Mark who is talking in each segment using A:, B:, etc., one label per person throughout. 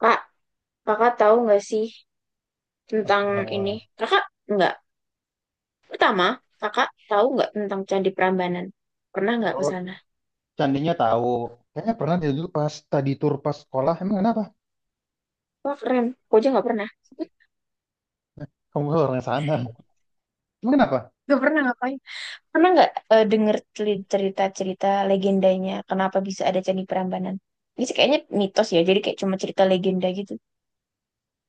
A: Kak, kakak tahu nggak sih tentang ini?
B: Eh,
A: Kakak nggak. Pertama, kakak tahu nggak tentang Candi Prambanan? Pernah nggak ke
B: Kalau
A: sana?
B: candinya tahu, kayaknya pernah dia dulu pas tadi tur pas sekolah. Emang kenapa?
A: Wah keren. Aku aja nggak pernah.
B: Kamu kan orang sana. Emang kenapa?
A: Gak pernah ngapain. Pernah nggak denger cerita-cerita legendanya? Kenapa bisa ada Candi Prambanan? Ini sih kayaknya mitos ya. Jadi kayak cuma cerita legenda gitu.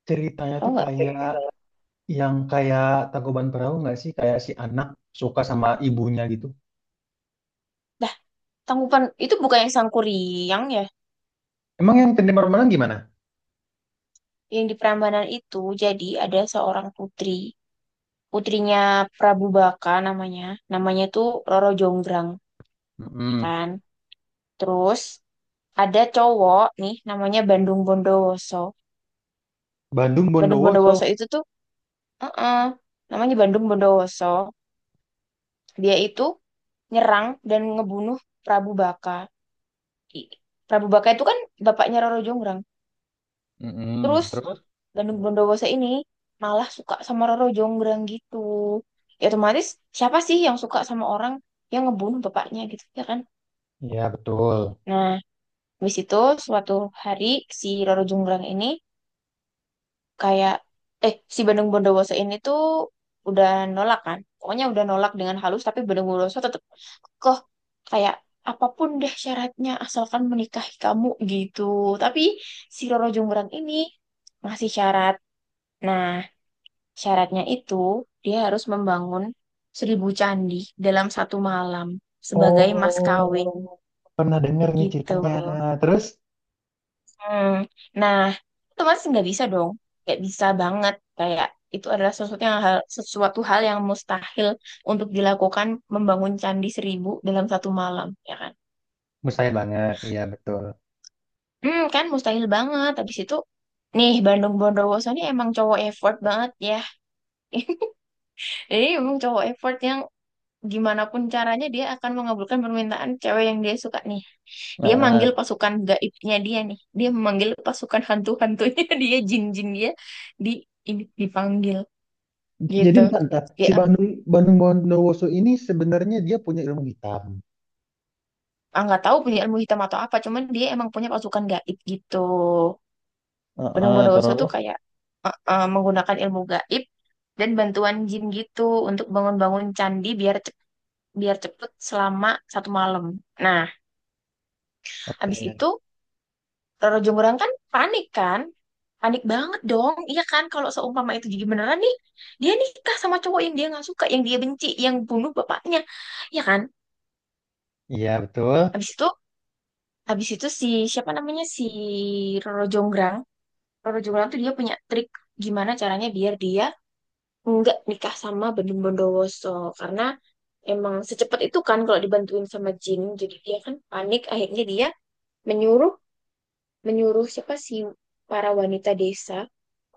B: Ceritanya
A: Tahu
B: tuh
A: nggak?
B: kayak yang kayak Tangkuban Perahu nggak sih? Kayak si anak suka sama ibunya gitu.
A: Dah, Tangkuban itu bukan yang Sangkuriang ya.
B: Emang yang Tandi Marmalang gimana?
A: Yang di Prambanan itu jadi ada seorang putri. Putrinya Prabu Baka namanya. Namanya tuh Roro Jonggrang, ya
B: Mm-mm.
A: kan? Terus ada cowok nih namanya Bandung Bondowoso.
B: Bandung
A: Bandung
B: Bondowoso.
A: Bondowoso itu tuh eh-eh, namanya Bandung Bondowoso. Dia itu nyerang dan ngebunuh Prabu Baka. I- Prabu Baka itu kan bapaknya Roro Jonggrang.
B: Mm-mm.
A: Terus
B: Terus?
A: Bandung Bondowoso ini malah suka sama Roro Jonggrang gitu. Ya otomatis siapa sih yang suka sama orang yang ngebunuh bapaknya gitu, ya kan?
B: Ya betul.
A: Nah, habis itu suatu hari si Roro Jonggrang ini kayak si Bandung Bondowoso ini tuh udah nolak kan, pokoknya udah nolak dengan halus tapi Bandung Bondowoso tetap kok kayak apapun deh syaratnya asalkan menikahi kamu gitu. Tapi si Roro Jonggrang ini masih syarat, nah syaratnya itu dia harus membangun seribu candi dalam satu malam sebagai mas
B: Oh,
A: kawin
B: pernah dengar nih
A: gitu.
B: ceritanya. Terus?
A: Hmm. Nah, otomatis nggak bisa dong. Nggak bisa banget. Kayak itu adalah sesuatu hal yang mustahil untuk dilakukan, membangun candi seribu dalam satu malam, ya kan?
B: Mustahil banget. Iya betul.
A: Hmm, kan mustahil banget. Habis itu, nih Bandung Bondowoso ini emang cowok effort banget ya. Jadi emang cowok effort yang gimana pun caranya dia akan mengabulkan permintaan cewek yang dia suka nih. Dia manggil
B: Nah.
A: pasukan gaibnya dia nih. Dia memanggil pasukan hantu-hantunya dia, jin-jin dia di ini dipanggil
B: Jadi
A: gitu.
B: ntar, ntar.
A: Dia
B: Si Bandung Bandung Bondowoso ini sebenarnya dia punya ilmu hitam.
A: nggak tahu punya ilmu hitam atau apa, cuman dia emang punya pasukan gaib gitu. Benang
B: Heeh,
A: Bondowoso tuh
B: terus,
A: kayak menggunakan ilmu gaib dan bantuan jin gitu untuk bangun-bangun candi biar biar cepet selama satu malam. Nah, habis
B: oke,
A: itu Roro Jonggrang kan? Panik banget dong. Iya kan kalau seumpama itu jadi beneran nih, dia nikah sama cowok yang dia nggak suka, yang dia benci, yang bunuh bapaknya, ya kan?
B: iya betul,
A: Habis itu, habis itu si siapa namanya si Roro Jonggrang. Roro Jonggrang tuh dia punya trik gimana caranya biar dia nggak nikah sama Bandung Bondowoso karena emang secepat itu kan kalau dibantuin sama jin. Jadi dia kan panik, akhirnya dia menyuruh menyuruh siapa sih, para wanita desa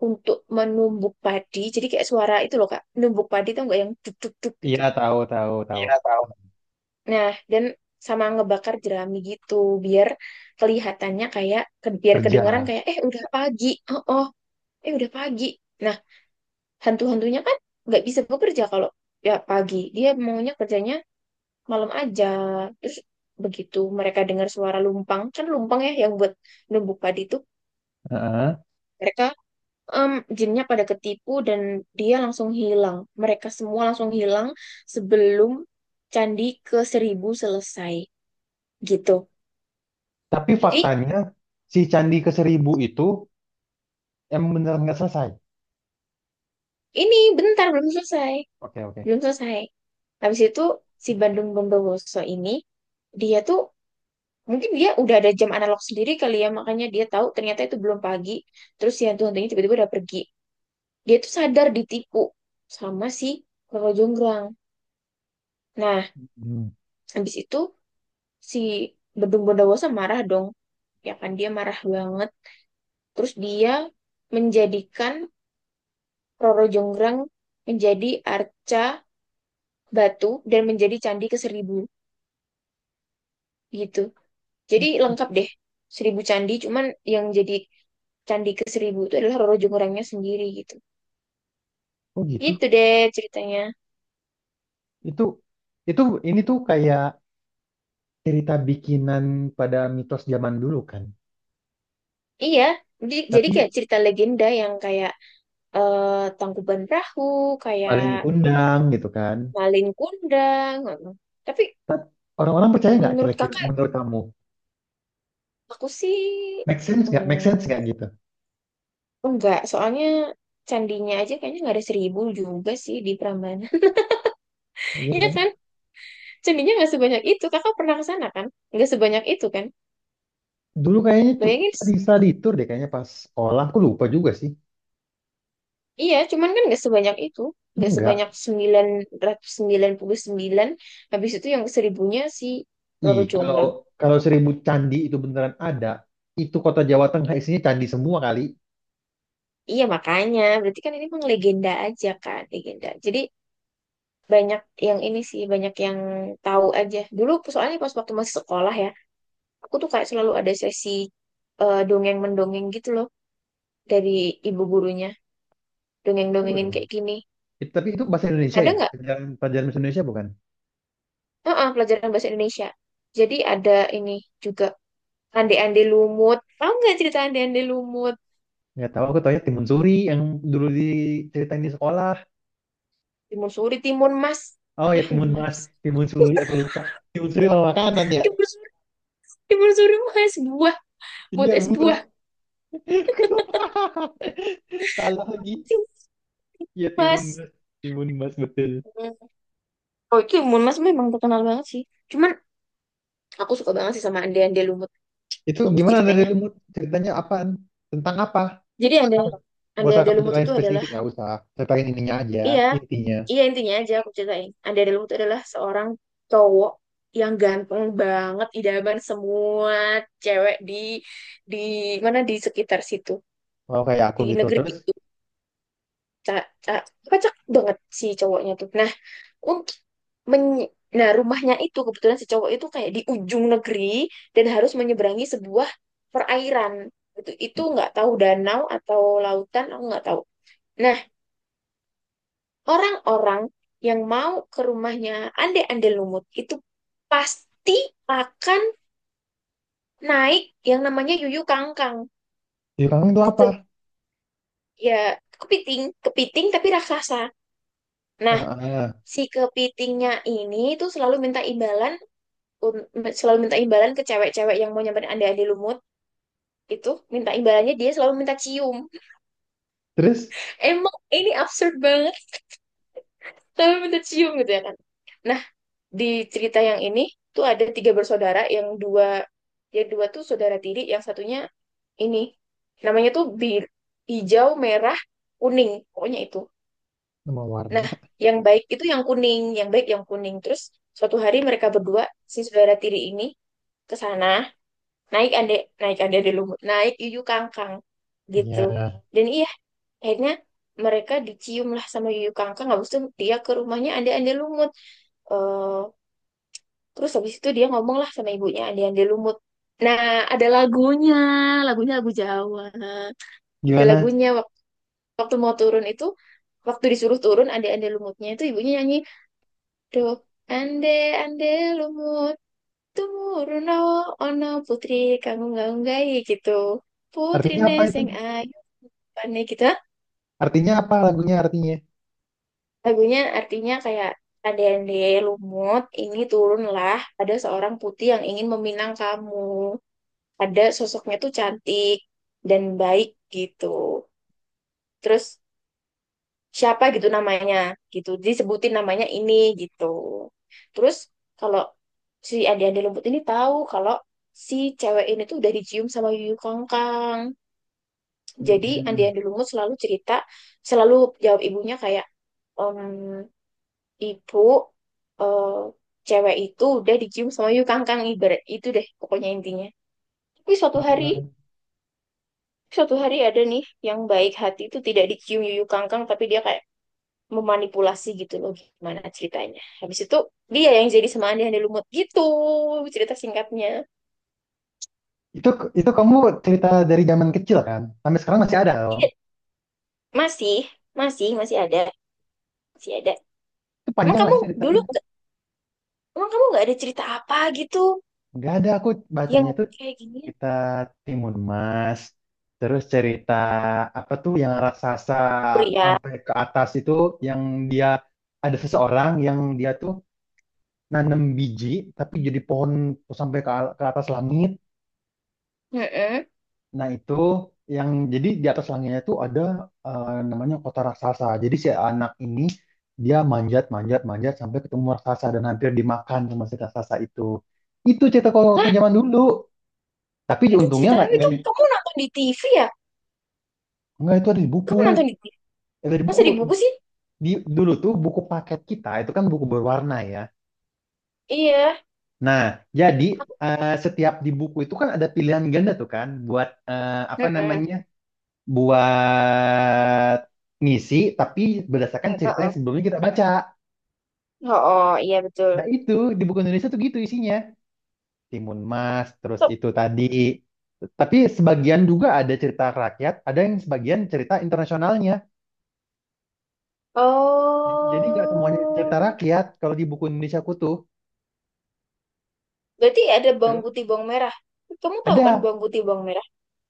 A: untuk menumbuk padi. Jadi kayak suara itu loh Kak, menumbuk padi tau nggak yang duk duk duk gitu.
B: iya tahu tahu tahu
A: Iya tahu. Nah, dan sama ngebakar jerami gitu biar kelihatannya kayak biar kedengaran
B: kerja.
A: kayak udah pagi. Oh, oh, udah pagi. Nah, hantu-hantunya kan nggak bisa bekerja kalau ya pagi. Dia maunya kerjanya malam aja. Terus begitu mereka dengar suara lumpang, kan lumpang ya yang buat numbuk padi itu,
B: Heeh.
A: mereka em, jinnya pada ketipu dan dia langsung hilang. Mereka semua langsung hilang sebelum candi ke seribu selesai gitu.
B: Tapi
A: Jadi
B: faktanya si Candi Keseribu itu emang beneran nggak selesai.
A: ini bentar belum selesai,
B: Oke oke.
A: belum selesai. Habis itu si Bandung Bondowoso ini dia tuh mungkin dia udah ada jam analog sendiri kali ya, makanya dia tahu ternyata itu belum pagi. Terus si hantu-hantunya tiba-tiba udah pergi. Dia tuh sadar ditipu sama si Roro Jonggrang. Nah,
B: Hmm.
A: habis itu si Bandung Bondowoso marah dong ya kan, dia marah banget terus dia menjadikan Roro Jonggrang menjadi arca batu dan menjadi candi ke seribu gitu, jadi
B: Hah,
A: lengkap deh seribu candi, cuman yang jadi candi ke seribu itu adalah Roro Jonggrangnya sendiri gitu.
B: oh
A: Gitu
B: gitu.
A: deh ceritanya.
B: Itu itu ini tuh kayak cerita bikinan pada mitos zaman dulu kan.
A: Iya, jadi
B: Tapi
A: kayak cerita legenda yang kayak eh, Tangkuban Perahu, kayak
B: paling kondang gitu kan.
A: Malin Kundang gitu. Tapi
B: Orang-orang percaya nggak
A: menurut
B: kira-kira
A: kakak,
B: menurut kamu?
A: aku sih
B: Make sense nggak? Make sense
A: hmm,
B: nggak gitu?
A: enggak, soalnya candinya aja kayaknya nggak ada seribu juga sih di Prambanan.
B: Iya
A: Iya
B: kan?
A: kan? Candinya nggak sebanyak itu. Kakak pernah ke sana kan? Nggak sebanyak itu kan?
B: Dulu kayaknya
A: Bayangin,
B: study, study tour deh kayaknya pas sekolah. Aku lupa juga sih.
A: iya, cuman kan nggak sebanyak itu. Nggak sebanyak
B: Enggak.
A: sembilan sembilan ratus sembilan puluh sembilan. Habis itu yang seribunya si
B: Ih,
A: Robert
B: kalau
A: Jonggrang.
B: kalau seribu candi itu beneran ada, itu kota Jawa Tengah isinya candi semua kali.
A: Iya, makanya. Berarti kan ini emang legenda aja kan? Legenda. Jadi banyak yang ini sih, banyak yang tahu aja. Dulu soalnya pas waktu masih sekolah ya, aku tuh kayak selalu ada sesi dongeng-mendongeng gitu loh dari ibu gurunya,
B: Seru
A: dongeng-dongengin
B: dong.
A: kayak gini.
B: Tapi itu bahasa Indonesia
A: Ada
B: ya?
A: nggak.
B: Pelajaran, pelajaran bahasa Indonesia bukan?
A: Heeh, pelajaran bahasa Indonesia, jadi ada ini juga ande-ande lumut, tahu nggak cerita ande-ande lumut?
B: Nggak tahu, aku taunya Timun Suri yang dulu diceritain di sekolah.
A: Timun suri, timun mas.
B: Oh ya,
A: Wah
B: Timun
A: gimana.
B: Mas, Timun Suri, aku lupa. Timun Suri sama makanan ya?
A: Timun suri, timun suri mas buah, buat
B: Iya,
A: es
B: buah.
A: buah.
B: Aku lupa. Salah lagi.
A: Timun
B: Iya, Timun
A: mas.
B: Mas. Timun Mas, betul.
A: Hmm. Oh itu timun mas memang terkenal banget sih, cuman aku suka banget sih sama ande-ande lumut.
B: Itu
A: Bagus
B: gimana dari
A: ceritanya.
B: remote? Ceritanya apaan? Tentang apa?
A: Jadi ada
B: Gak usah
A: ande-ande
B: kamu
A: lumut
B: ceritain
A: itu adalah,
B: spesifik, gak usah. Ceritain ininya aja,
A: iya,
B: intinya.
A: iya intinya aja aku ceritain. Ade Delung itu adalah seorang cowok yang ganteng banget, idaman semua cewek di di mana di sekitar situ,
B: Kalau kayak aku
A: di
B: gitu.
A: negeri
B: Terus,
A: itu. Ca- ca- Kocak banget si cowoknya tuh. Nah, untuk men- nah rumahnya itu kebetulan si cowok itu kayak di ujung negeri dan harus menyeberangi sebuah perairan. Itu nggak tahu danau atau lautan, aku nggak tahu. Nah, orang-orang yang mau ke rumahnya Ande-Ande Lumut itu pasti akan naik yang namanya Yuyu Kangkang
B: di kamu itu apa?
A: gitu. Ya, kepiting, kepiting tapi raksasa. Nah,
B: Heeh.
A: si kepitingnya ini tuh selalu minta imbalan, selalu minta imbalan ke cewek-cewek yang mau nyamperin Ande-Ande Lumut itu. Minta imbalannya dia selalu minta cium.
B: Terus,
A: Emang ini absurd banget, selalu minta cium gitu ya kan. Nah, di cerita yang ini tuh ada tiga bersaudara yang dua, ya dua tuh saudara tiri, yang satunya ini namanya tuh bir hijau merah kuning, pokoknya itu.
B: nama warna.
A: Nah yang baik itu yang kuning, yang baik yang kuning. Terus suatu hari mereka berdua, si saudara tiri ini, ke sana, naik ande, naik ande di lumut, naik yuyu kangkang gitu.
B: Iya.
A: Dan iya, akhirnya mereka dicium lah sama yuyu kangkang. Habis itu dia ke rumahnya ande ande lumut eh terus habis itu dia ngomong lah sama ibunya Andi-Andi Lumut. Nah, ada lagunya, lagunya lagu Jawa. Ada
B: Gimana?
A: lagunya waktu mau turun itu, waktu disuruh turun Andi-Andi Lumutnya itu ibunya nyanyi, do ande ande lumut turun oh, ono putri kamu nggak unggahi gitu. Putri
B: Artinya apa itu?
A: neseng ayu pane gitu.
B: Artinya apa lagunya artinya?
A: Lagunya artinya kayak ande-ande lumut, ini turunlah ada seorang putri yang ingin meminang kamu. Ada sosoknya tuh cantik dan baik gitu. Terus siapa gitu namanya gitu, disebutin namanya ini gitu. Terus kalau si Ade-Ade Lembut ini tahu kalau si cewek ini tuh udah dicium sama Yuyu Kangkang. Jadi
B: Mm-mm.
A: Ade-Ade Lembut selalu cerita, selalu jawab ibunya kayak, "Em, ibu, eh, cewek itu udah dicium sama Yuyu Kangkang, ibarat itu deh pokoknya intinya. Tapi suatu hari
B: Heeh.
A: Suatu hari ada nih yang baik hati itu tidak dicium yuyu kangkang, tapi dia kayak memanipulasi gitu loh gimana ceritanya. Habis itu dia yang jadi semandai yang lumut gitu cerita singkatnya.
B: Itu itu kamu cerita dari zaman kecil kan? Sampai sekarang masih ada loh.
A: Iya, masih, masih, masih ada, masih ada.
B: Itu
A: Emang
B: panjang gak
A: kamu
B: sih
A: dulu
B: ceritanya?
A: nggak, emang kamu nggak ada cerita apa gitu
B: Gak ada aku bacanya
A: yang
B: itu.
A: kayak gini?
B: Kita Timun Mas. Terus cerita apa tuh yang raksasa
A: Kuria.
B: sampai ke atas itu yang dia ada seseorang yang dia tuh nanam biji tapi jadi pohon sampai ke, ke atas langit.
A: Heeh.
B: Nah, itu yang jadi di atas langitnya itu ada namanya kota raksasa. Jadi si anak ini dia manjat manjat manjat sampai ketemu raksasa dan hampir dimakan sama si raksasa itu. Itu cerita kalau waktu
A: Hah,
B: zaman dulu. Tapi
A: itu
B: untungnya
A: ceritanya
B: nggak nggak
A: itu kamu nonton di TV ya?
B: nggak itu ada di buku.
A: Kamu nonton di TV?
B: Ya, dari
A: Masa
B: buku
A: di buku sih?
B: di, dulu tuh buku paket kita itu kan buku berwarna ya.
A: Iya.
B: Nah, jadi
A: Aku-
B: setiap di buku itu kan ada pilihan ganda tuh kan buat apa
A: Heeh.
B: namanya? Buat ngisi tapi berdasarkan cerita
A: Heeh.
B: yang sebelumnya kita baca.
A: Oh, oh, iya betul.
B: Nah, itu di buku Indonesia tuh gitu isinya. Timun Mas, terus
A: So,
B: itu tadi. Tapi sebagian juga ada cerita rakyat, ada yang sebagian cerita internasionalnya. Jadi nggak semuanya cerita
A: oh,
B: rakyat kalau di buku Indonesia aku tuh.
A: berarti ada bawang
B: Tuh
A: putih, bawang merah. Kamu tahu kan
B: Ada
A: bawang putih, bawang merah?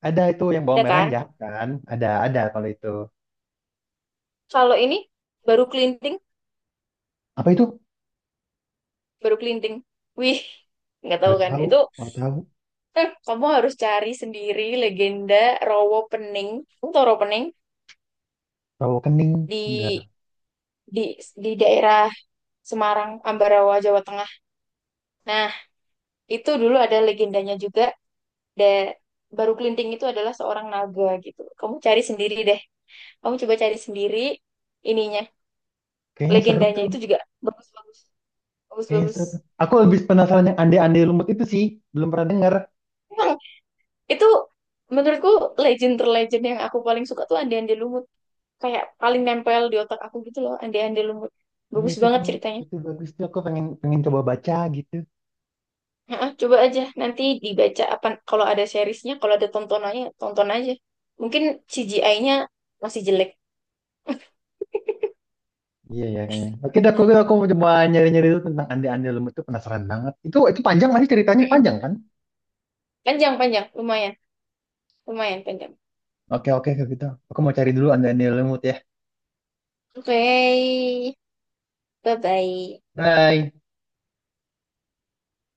B: Ada itu yang bawang
A: Ada
B: merah yang
A: kan?
B: jahat kan? Ada kalau itu.
A: Kalau ini baru kelinting,
B: Apa itu?
A: baru kelinting. Wih, nggak tahu
B: Nggak
A: kan?
B: tahu,
A: Itu
B: nggak tahu.
A: kamu harus cari sendiri legenda Rowo Pening. Kamu tahu Rowo Pening
B: Rawo kening, nggak.
A: di di di daerah Semarang, Ambarawa, Jawa Tengah. Nah, itu dulu ada legendanya juga. Da, baru kelinting itu adalah seorang naga gitu. Kamu cari sendiri deh. Kamu coba cari sendiri ininya,
B: Kayaknya seru
A: legendanya
B: tuh,
A: itu juga bagus-bagus
B: kayaknya
A: bagus-bagus.
B: seru tuh. Aku lebih penasaran yang ande-ande lumut itu sih, belum pernah dengar.
A: Emang itu, menurutku legend terlegend yang aku paling suka tuh Andi Andi Lumut, kayak paling nempel di otak aku gitu loh Andi Andi Lumut,
B: Iya
A: bagus
B: itu
A: banget
B: tuh,
A: ceritanya.
B: itu bagus tuh. Aku pengen pengen coba baca gitu.
A: Heeh, coba aja nanti dibaca apa kalau ada seriesnya, kalau ada tontonannya tonton aja, mungkin CGI-nya masih jelek.
B: Iya ya kayaknya. Oke, dah, aku mau coba nyari-nyari dulu tentang ande-ande lumut itu penasaran banget. Itu panjang masih ceritanya panjang kan?
A: Panjang, panjang lumayan, lumayan panjang.
B: Oke oke kalau gitu. Aku mau cari dulu ande-ande lumut ya.
A: Oke, bye bye.
B: Bye.